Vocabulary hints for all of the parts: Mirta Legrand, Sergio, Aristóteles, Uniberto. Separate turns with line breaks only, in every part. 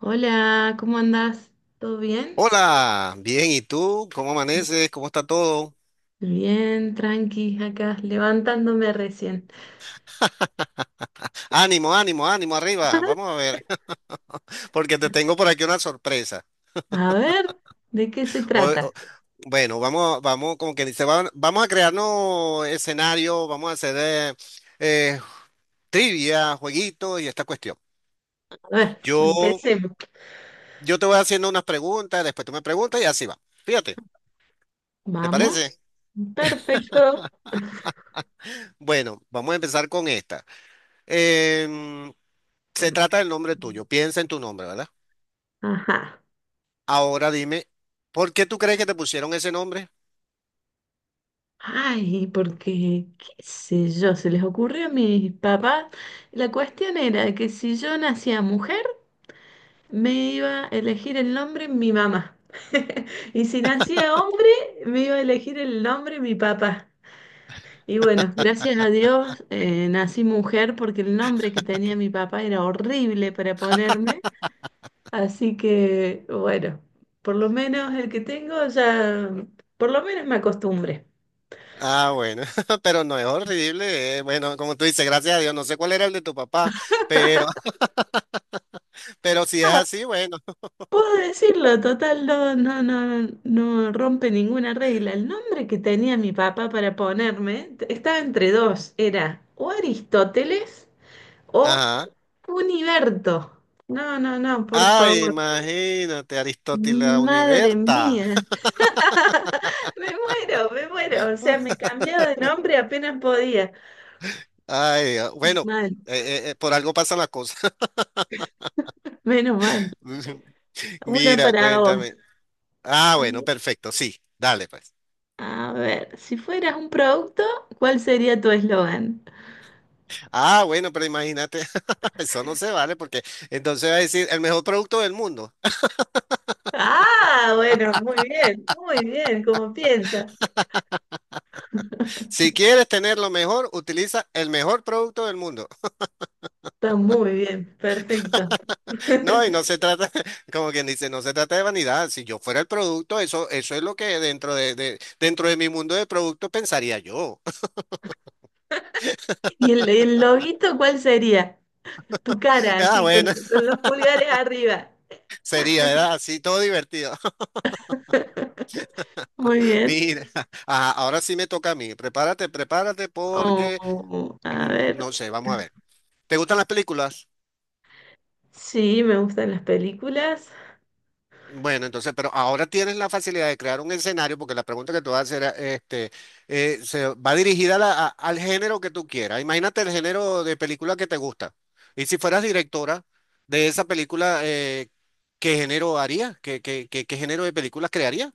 Hola, ¿cómo andás? ¿Todo bien?
Hola, bien, ¿y tú? ¿Cómo amaneces? ¿Cómo está todo?
Bien, tranqui, acá levantándome recién.
Ánimo, ánimo, ánimo, arriba. Vamos a ver, porque te tengo por aquí una sorpresa.
A ver, ¿de qué se
Hoy-
trata?
o- bueno, vamos, vamos, como que dice, vamos a crearnos escenario, vamos a hacer eh, trivia, jueguito y esta cuestión.
A ver,
Yo,
empecemos.
yo te voy haciendo unas preguntas, después tú me preguntas y así va. Fíjate, ¿te
Vamos.
parece?
Perfecto.
Bueno, vamos a empezar con esta. Em, Se trata del nombre tuyo. Piensa en tu nombre, ¿verdad?
Ajá.
Ahora dime, ¿por qué tú crees que te pusieron ese nombre?
Ay, porque, qué sé yo, se les ocurrió a mis papás. La cuestión era que si yo nacía mujer, me iba a elegir el nombre mi mamá. Y si nacía hombre, me iba a elegir el nombre mi papá. Y bueno, gracias a Dios nací mujer porque el nombre que tenía mi papá era horrible para ponerme. Así que bueno, por lo menos el que tengo ya, por lo menos me acostumbré.
Ah, bueno, pero no es horrible. Bueno, como tú dices, gracias a Dios, no sé cuál era el de tu papá, pero, pero si es
Ah,
así, bueno.
puedo decirlo, total, no, no, no, no rompe ninguna regla. El nombre que tenía mi papá para ponerme estaba entre dos, era o Aristóteles o
Ajá.
Uniberto. No, no, no, por
Ah,
favor.
imagínate, Aristóteles
Madre
Univerta.
mía. Me muero, me muero. O sea, me cambiaba de nombre apenas podía.
Ay, ah, bueno,
Mal,
por algo pasan las cosas.
menos mal. Una
Mira,
para
cuéntame.
vos.
Ah, bueno, perfecto, sí, dale pues.
A ver, si fueras un producto, ¿cuál sería tu eslogan?
Ah, bueno, pero imagínate, eso no se vale porque entonces va a decir el mejor producto del mundo.
Ah, bueno, muy bien, como piensa.
Si quieres tener lo mejor, utiliza el mejor producto del mundo.
Está muy bien, perfecto.
No, y no se trata, como quien dice, no se trata de vanidad. Si yo fuera el producto, eso es lo que dentro de mi mundo de productos pensaría yo.
¿Y el loguito cuál sería? Tu cara,
Ah,
así, con,
bueno,
con los pulgares arriba.
sería, ¿verdad? Así todo divertido.
Muy bien.
Mira, ajá, ahora sí me toca a mí. Prepárate, prepárate porque,
Oh, a
mm, no
ver,
sé, vamos a ver. ¿Te gustan las películas?
sí, me gustan las películas.
Bueno, entonces, pero ahora tienes la facilidad de crear un escenario, porque la pregunta que te voy a hacer, se va dirigida a al género que tú quieras. Imagínate el género de película que te gusta. Y si fueras directora de esa película, ¿qué género harías? ¿ qué género de películas crearías?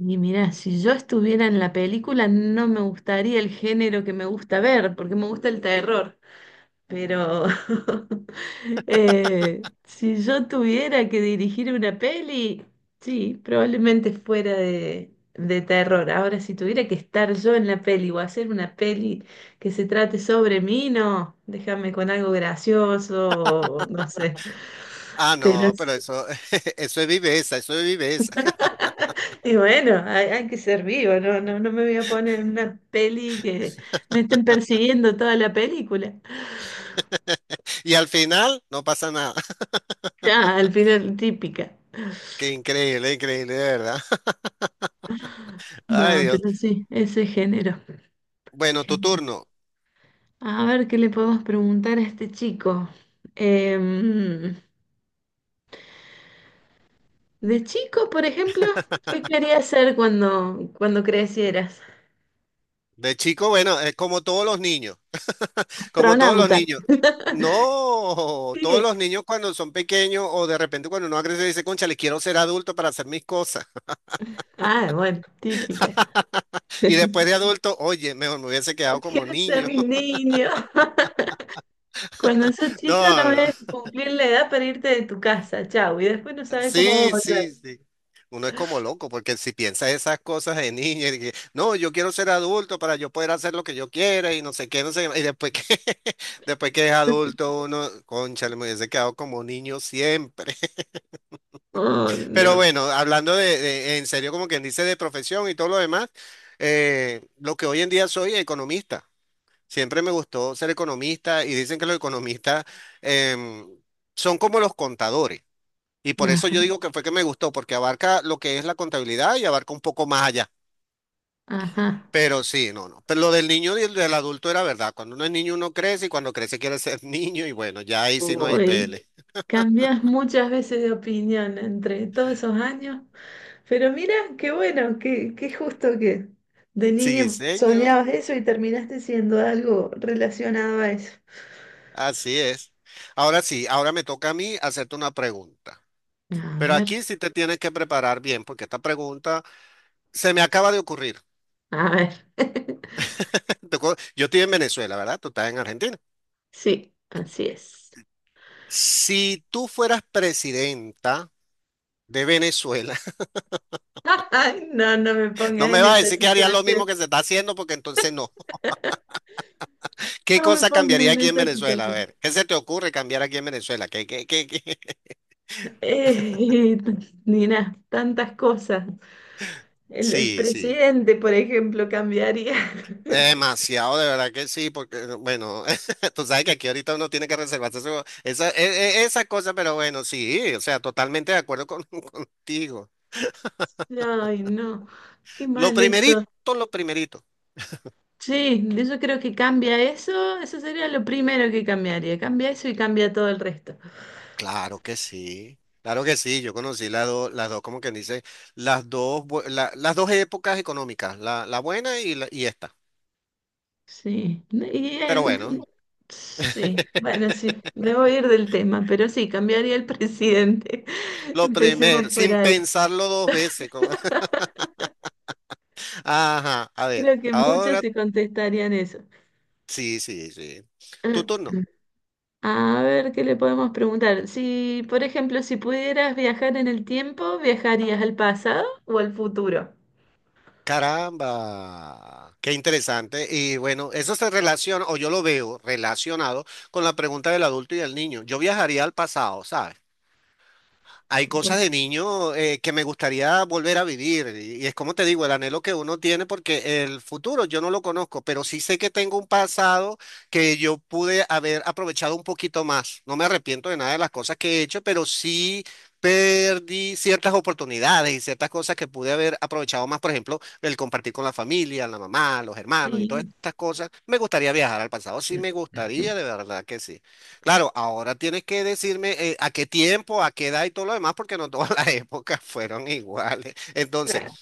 Y mirá, si yo estuviera en la película, no me gustaría el género que me gusta ver, porque me gusta el terror. Pero si yo tuviera que dirigir una peli, sí, probablemente fuera de terror. Ahora, si tuviera que estar yo en la peli o hacer una peli que se trate sobre mí, no, déjame con algo gracioso, o no sé.
Ah,
Pero
no, pero eso, eso es viveza, eso es viveza.
y bueno, hay que ser vivo, no, no, no me voy a poner en una peli que me estén persiguiendo toda la película.
Y al final no pasa nada.
Ah, al final típica.
Qué increíble, increíble, de verdad. Ay,
No,
Dios.
pero sí, ese género.
Bueno, tu
Género.
turno.
A ver qué le podemos preguntar a este chico. Em, de chico, por ejemplo, ¿qué querías ser cuando, cuando crecieras?
De chico, bueno, es como todos los niños. Como todos los
Astronauta.
niños. No, todos
Sigue.
los niños cuando son pequeños o de repente cuando uno crece dice, concha, le quiero ser adulto para hacer mis cosas.
Ah, bueno, típica.
Y después de adulto, oye, mejor me hubiese quedado como
Quiero ser
niño.
niño. Cuando sos chico no
No,
ves
no.
cumplir la edad para irte de tu casa, chau, y después no sabes cómo
Sí,
volver.
sí, sí. Uno es como loco porque si piensa esas cosas de niño, y que, no, yo quiero ser adulto para yo poder hacer lo que yo quiera y no sé qué, no sé qué. Y después que, después que es adulto, uno, concha, me hubiese quedado como niño siempre.
Ay,
Pero
no.
bueno, en serio, como quien dice, de profesión y todo lo demás, lo que hoy en día soy, economista. Siempre me gustó ser economista y dicen que los economistas em, son como los contadores. Y por eso yo
Ajá,
digo que fue que me gustó, porque abarca lo que es la contabilidad y abarca un poco más allá.
ajá.
Pero sí, no, no. Pero lo del niño y el del adulto era verdad. Cuando uno es niño, uno crece y cuando crece quiere ser niño y bueno, ya ahí sí no hay
Uy,
pele.
cambias muchas veces de opinión entre todos esos años. Pero mira, qué bueno, qué, qué justo que de
Sí,
niño
señor.
soñabas eso y terminaste siendo algo relacionado a eso.
Así es. Ahora sí, ahora me toca a mí hacerte una pregunta.
A
Pero
ver,
aquí sí te tienes que preparar bien, porque esta pregunta se me acaba de ocurrir.
a ver.
Yo estoy en Venezuela, ¿verdad? Tú estás en Argentina.
Sí, así es.
Si tú fueras presidenta de Venezuela,
Ay, no, no me
no
pongas
me
en
vas a
esa
decir que harías lo
situación.
mismo que se está haciendo, porque entonces no. ¿Qué
No me
cosa
pongas
cambiaría
en
aquí en
esa
Venezuela? A
situación.
ver, ¿qué se te ocurre cambiar aquí en Venezuela? ¿Qué?
Eh, Nina, tantas cosas. El
Sí, sí.
presidente, por ejemplo, cambiaría.
Demasiado, de verdad que sí, porque, bueno, tú sabes que aquí ahorita uno tiene que esa, esa cosa, pero bueno, sí, o sea, totalmente de acuerdo con- contigo.
Ay, no, qué
Lo
mal eso.
primerito, lo primerito.
Sí, yo creo que cambia eso, eso sería lo primero que cambiaría. Cambia eso y cambia todo el resto.
Claro que sí, yo conocí las dos, como quien dice, las dos épocas económicas, la buena y esta.
Sí,
Pero bueno,
sí, bueno, sí, me voy a ir del tema, pero sí, cambiaría el presidente.
lo
Empecemos
primero,
por
sin
ahí.
pensarlo dos veces. Ajá, a ver,
Creo que muchos
ahora
te contestarían eso.
sí, sí, sí. Tu turno.
A ver, ¿qué le podemos preguntar? Si, por ejemplo, si pudieras viajar en el tiempo, ¿viajarías al pasado o al futuro?
Caramba, qué interesante. Y bueno, eso se relaciona, o yo lo veo relacionado con la pregunta del adulto y del niño. Yo viajaría al pasado, ¿sabes? Hay cosas
Por-
de niño que me gustaría volver a vivir. Y es como te digo, el anhelo que uno tiene, porque el futuro yo no lo conozco, pero sí sé que tengo un pasado que yo pude haber aprovechado un poquito más. No me arrepiento de nada de las cosas que he hecho, pero sí perdí ciertas oportunidades y ciertas cosas que pude haber aprovechado más. Por ejemplo, el compartir con la familia, la mamá, los hermanos y todas
Sí.
estas cosas. Me gustaría viajar al pasado. Sí, me gustaría, de verdad que sí. Claro, ahora tienes que decirme a qué tiempo, a qué edad y todo lo demás, porque no todas las épocas fueron iguales. Entonces,
Claro.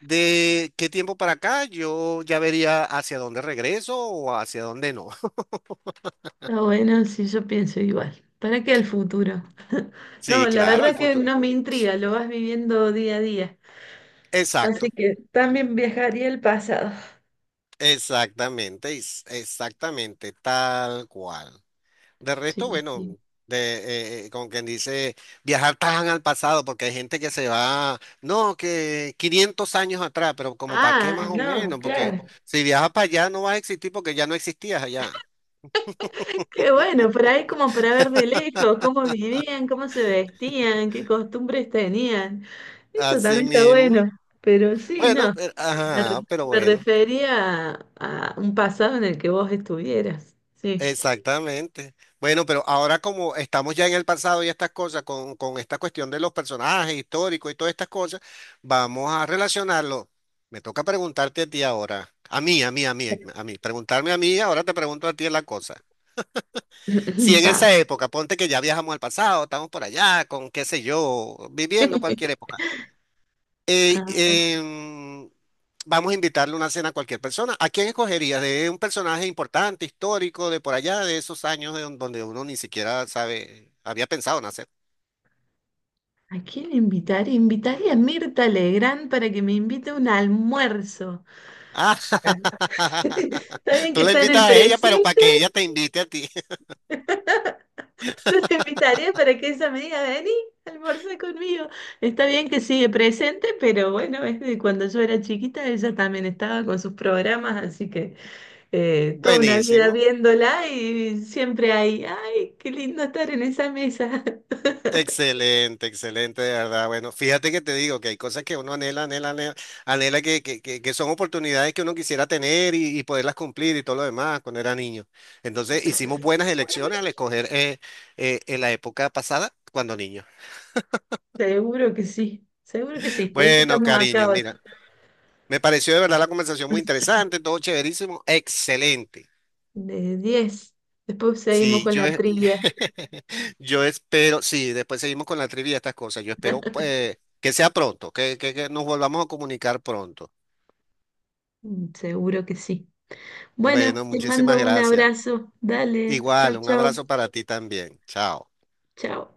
¿de qué tiempo para acá? Yo ya vería hacia dónde regreso o hacia dónde no.
Ah, bueno, sí, yo pienso igual. ¿Para qué al futuro? No,
Sí,
la
claro, el
verdad que
futuro.
no me intriga, lo vas viviendo día a día. Así
Exacto,
que también viajaría al pasado.
exactamente, exactamente, tal cual. De resto,
Sí,
bueno,
sí.
de, como quien dice, viajar tan al pasado, porque hay gente que se va, no, que 500 años atrás, pero como para qué
Ah,
más o
no,
menos, porque
claro.
si viajas para allá no vas a existir porque ya no existías allá.
Qué bueno, por ahí como para ver de lejos cómo vivían, cómo se vestían, qué costumbres tenían. Eso
Así
también está
mismo.
bueno, pero sí,
Bueno,
no,
pero,
me, re-
ajá, pero
me
bueno.
refería a un pasado en el que vos estuvieras, sí.
Exactamente. Bueno, pero ahora como estamos ya en el pasado y estas cosas, con esta cuestión de los personajes históricos y todas estas cosas, vamos a relacionarlo. Me toca preguntarte a ti ahora, preguntarme a mí, ahora te pregunto a ti la cosa. Si en
Pa.
esa época, ponte que ya viajamos al pasado, estamos por allá, con qué sé yo, viviendo cualquier época.
A
Eh,
ver,
em, vamos a invitarle una cena a cualquier persona. ¿A quién escogerías? De un personaje importante, histórico, de por allá, de esos años de donde uno ni siquiera sabe, había pensado nacer.
¿a quién invitaría? Invitaría a Mirta Legrand para que me invite a un almuerzo.
Ah,
Está bien
tú
que
la
está en
invitas
el
a ella, pero para
presente.
que ella te invite a ti.
Yo te invitaré para que ella me diga, vení, almorzá conmigo. Está bien que sigue presente, pero bueno, es de cuando yo era chiquita, ella también estaba con sus programas, así que toda una vida
Buenísimo.
viéndola y siempre hay, ay, qué lindo estar en esa mesa.
Excelente, excelente, de verdad. Bueno, fíjate que te digo que hay cosas que uno anhela, anhela, anhela, anhela que son oportunidades que uno quisiera tener y poderlas cumplir y todo lo demás cuando era niño. Entonces hicimos buenas elecciones al escoger en la época pasada cuando niño.
Seguro que sí, por eso
Bueno,
estamos acá
cariño,
hoy,
mira, me pareció de verdad la conversación muy interesante, todo chéverísimo, excelente.
de 10. Después seguimos
Sí,
con
yo,
la trivia.
yo espero, sí, después seguimos con la trivia y estas cosas. Yo espero pues, que, sea pronto, que nos volvamos a comunicar pronto.
Mm, seguro que sí. Bueno,
Bueno,
te
muchísimas
mando un
gracias.
abrazo, dale, chao,
Igual, un
chao,
abrazo para ti también. Chao.
chao.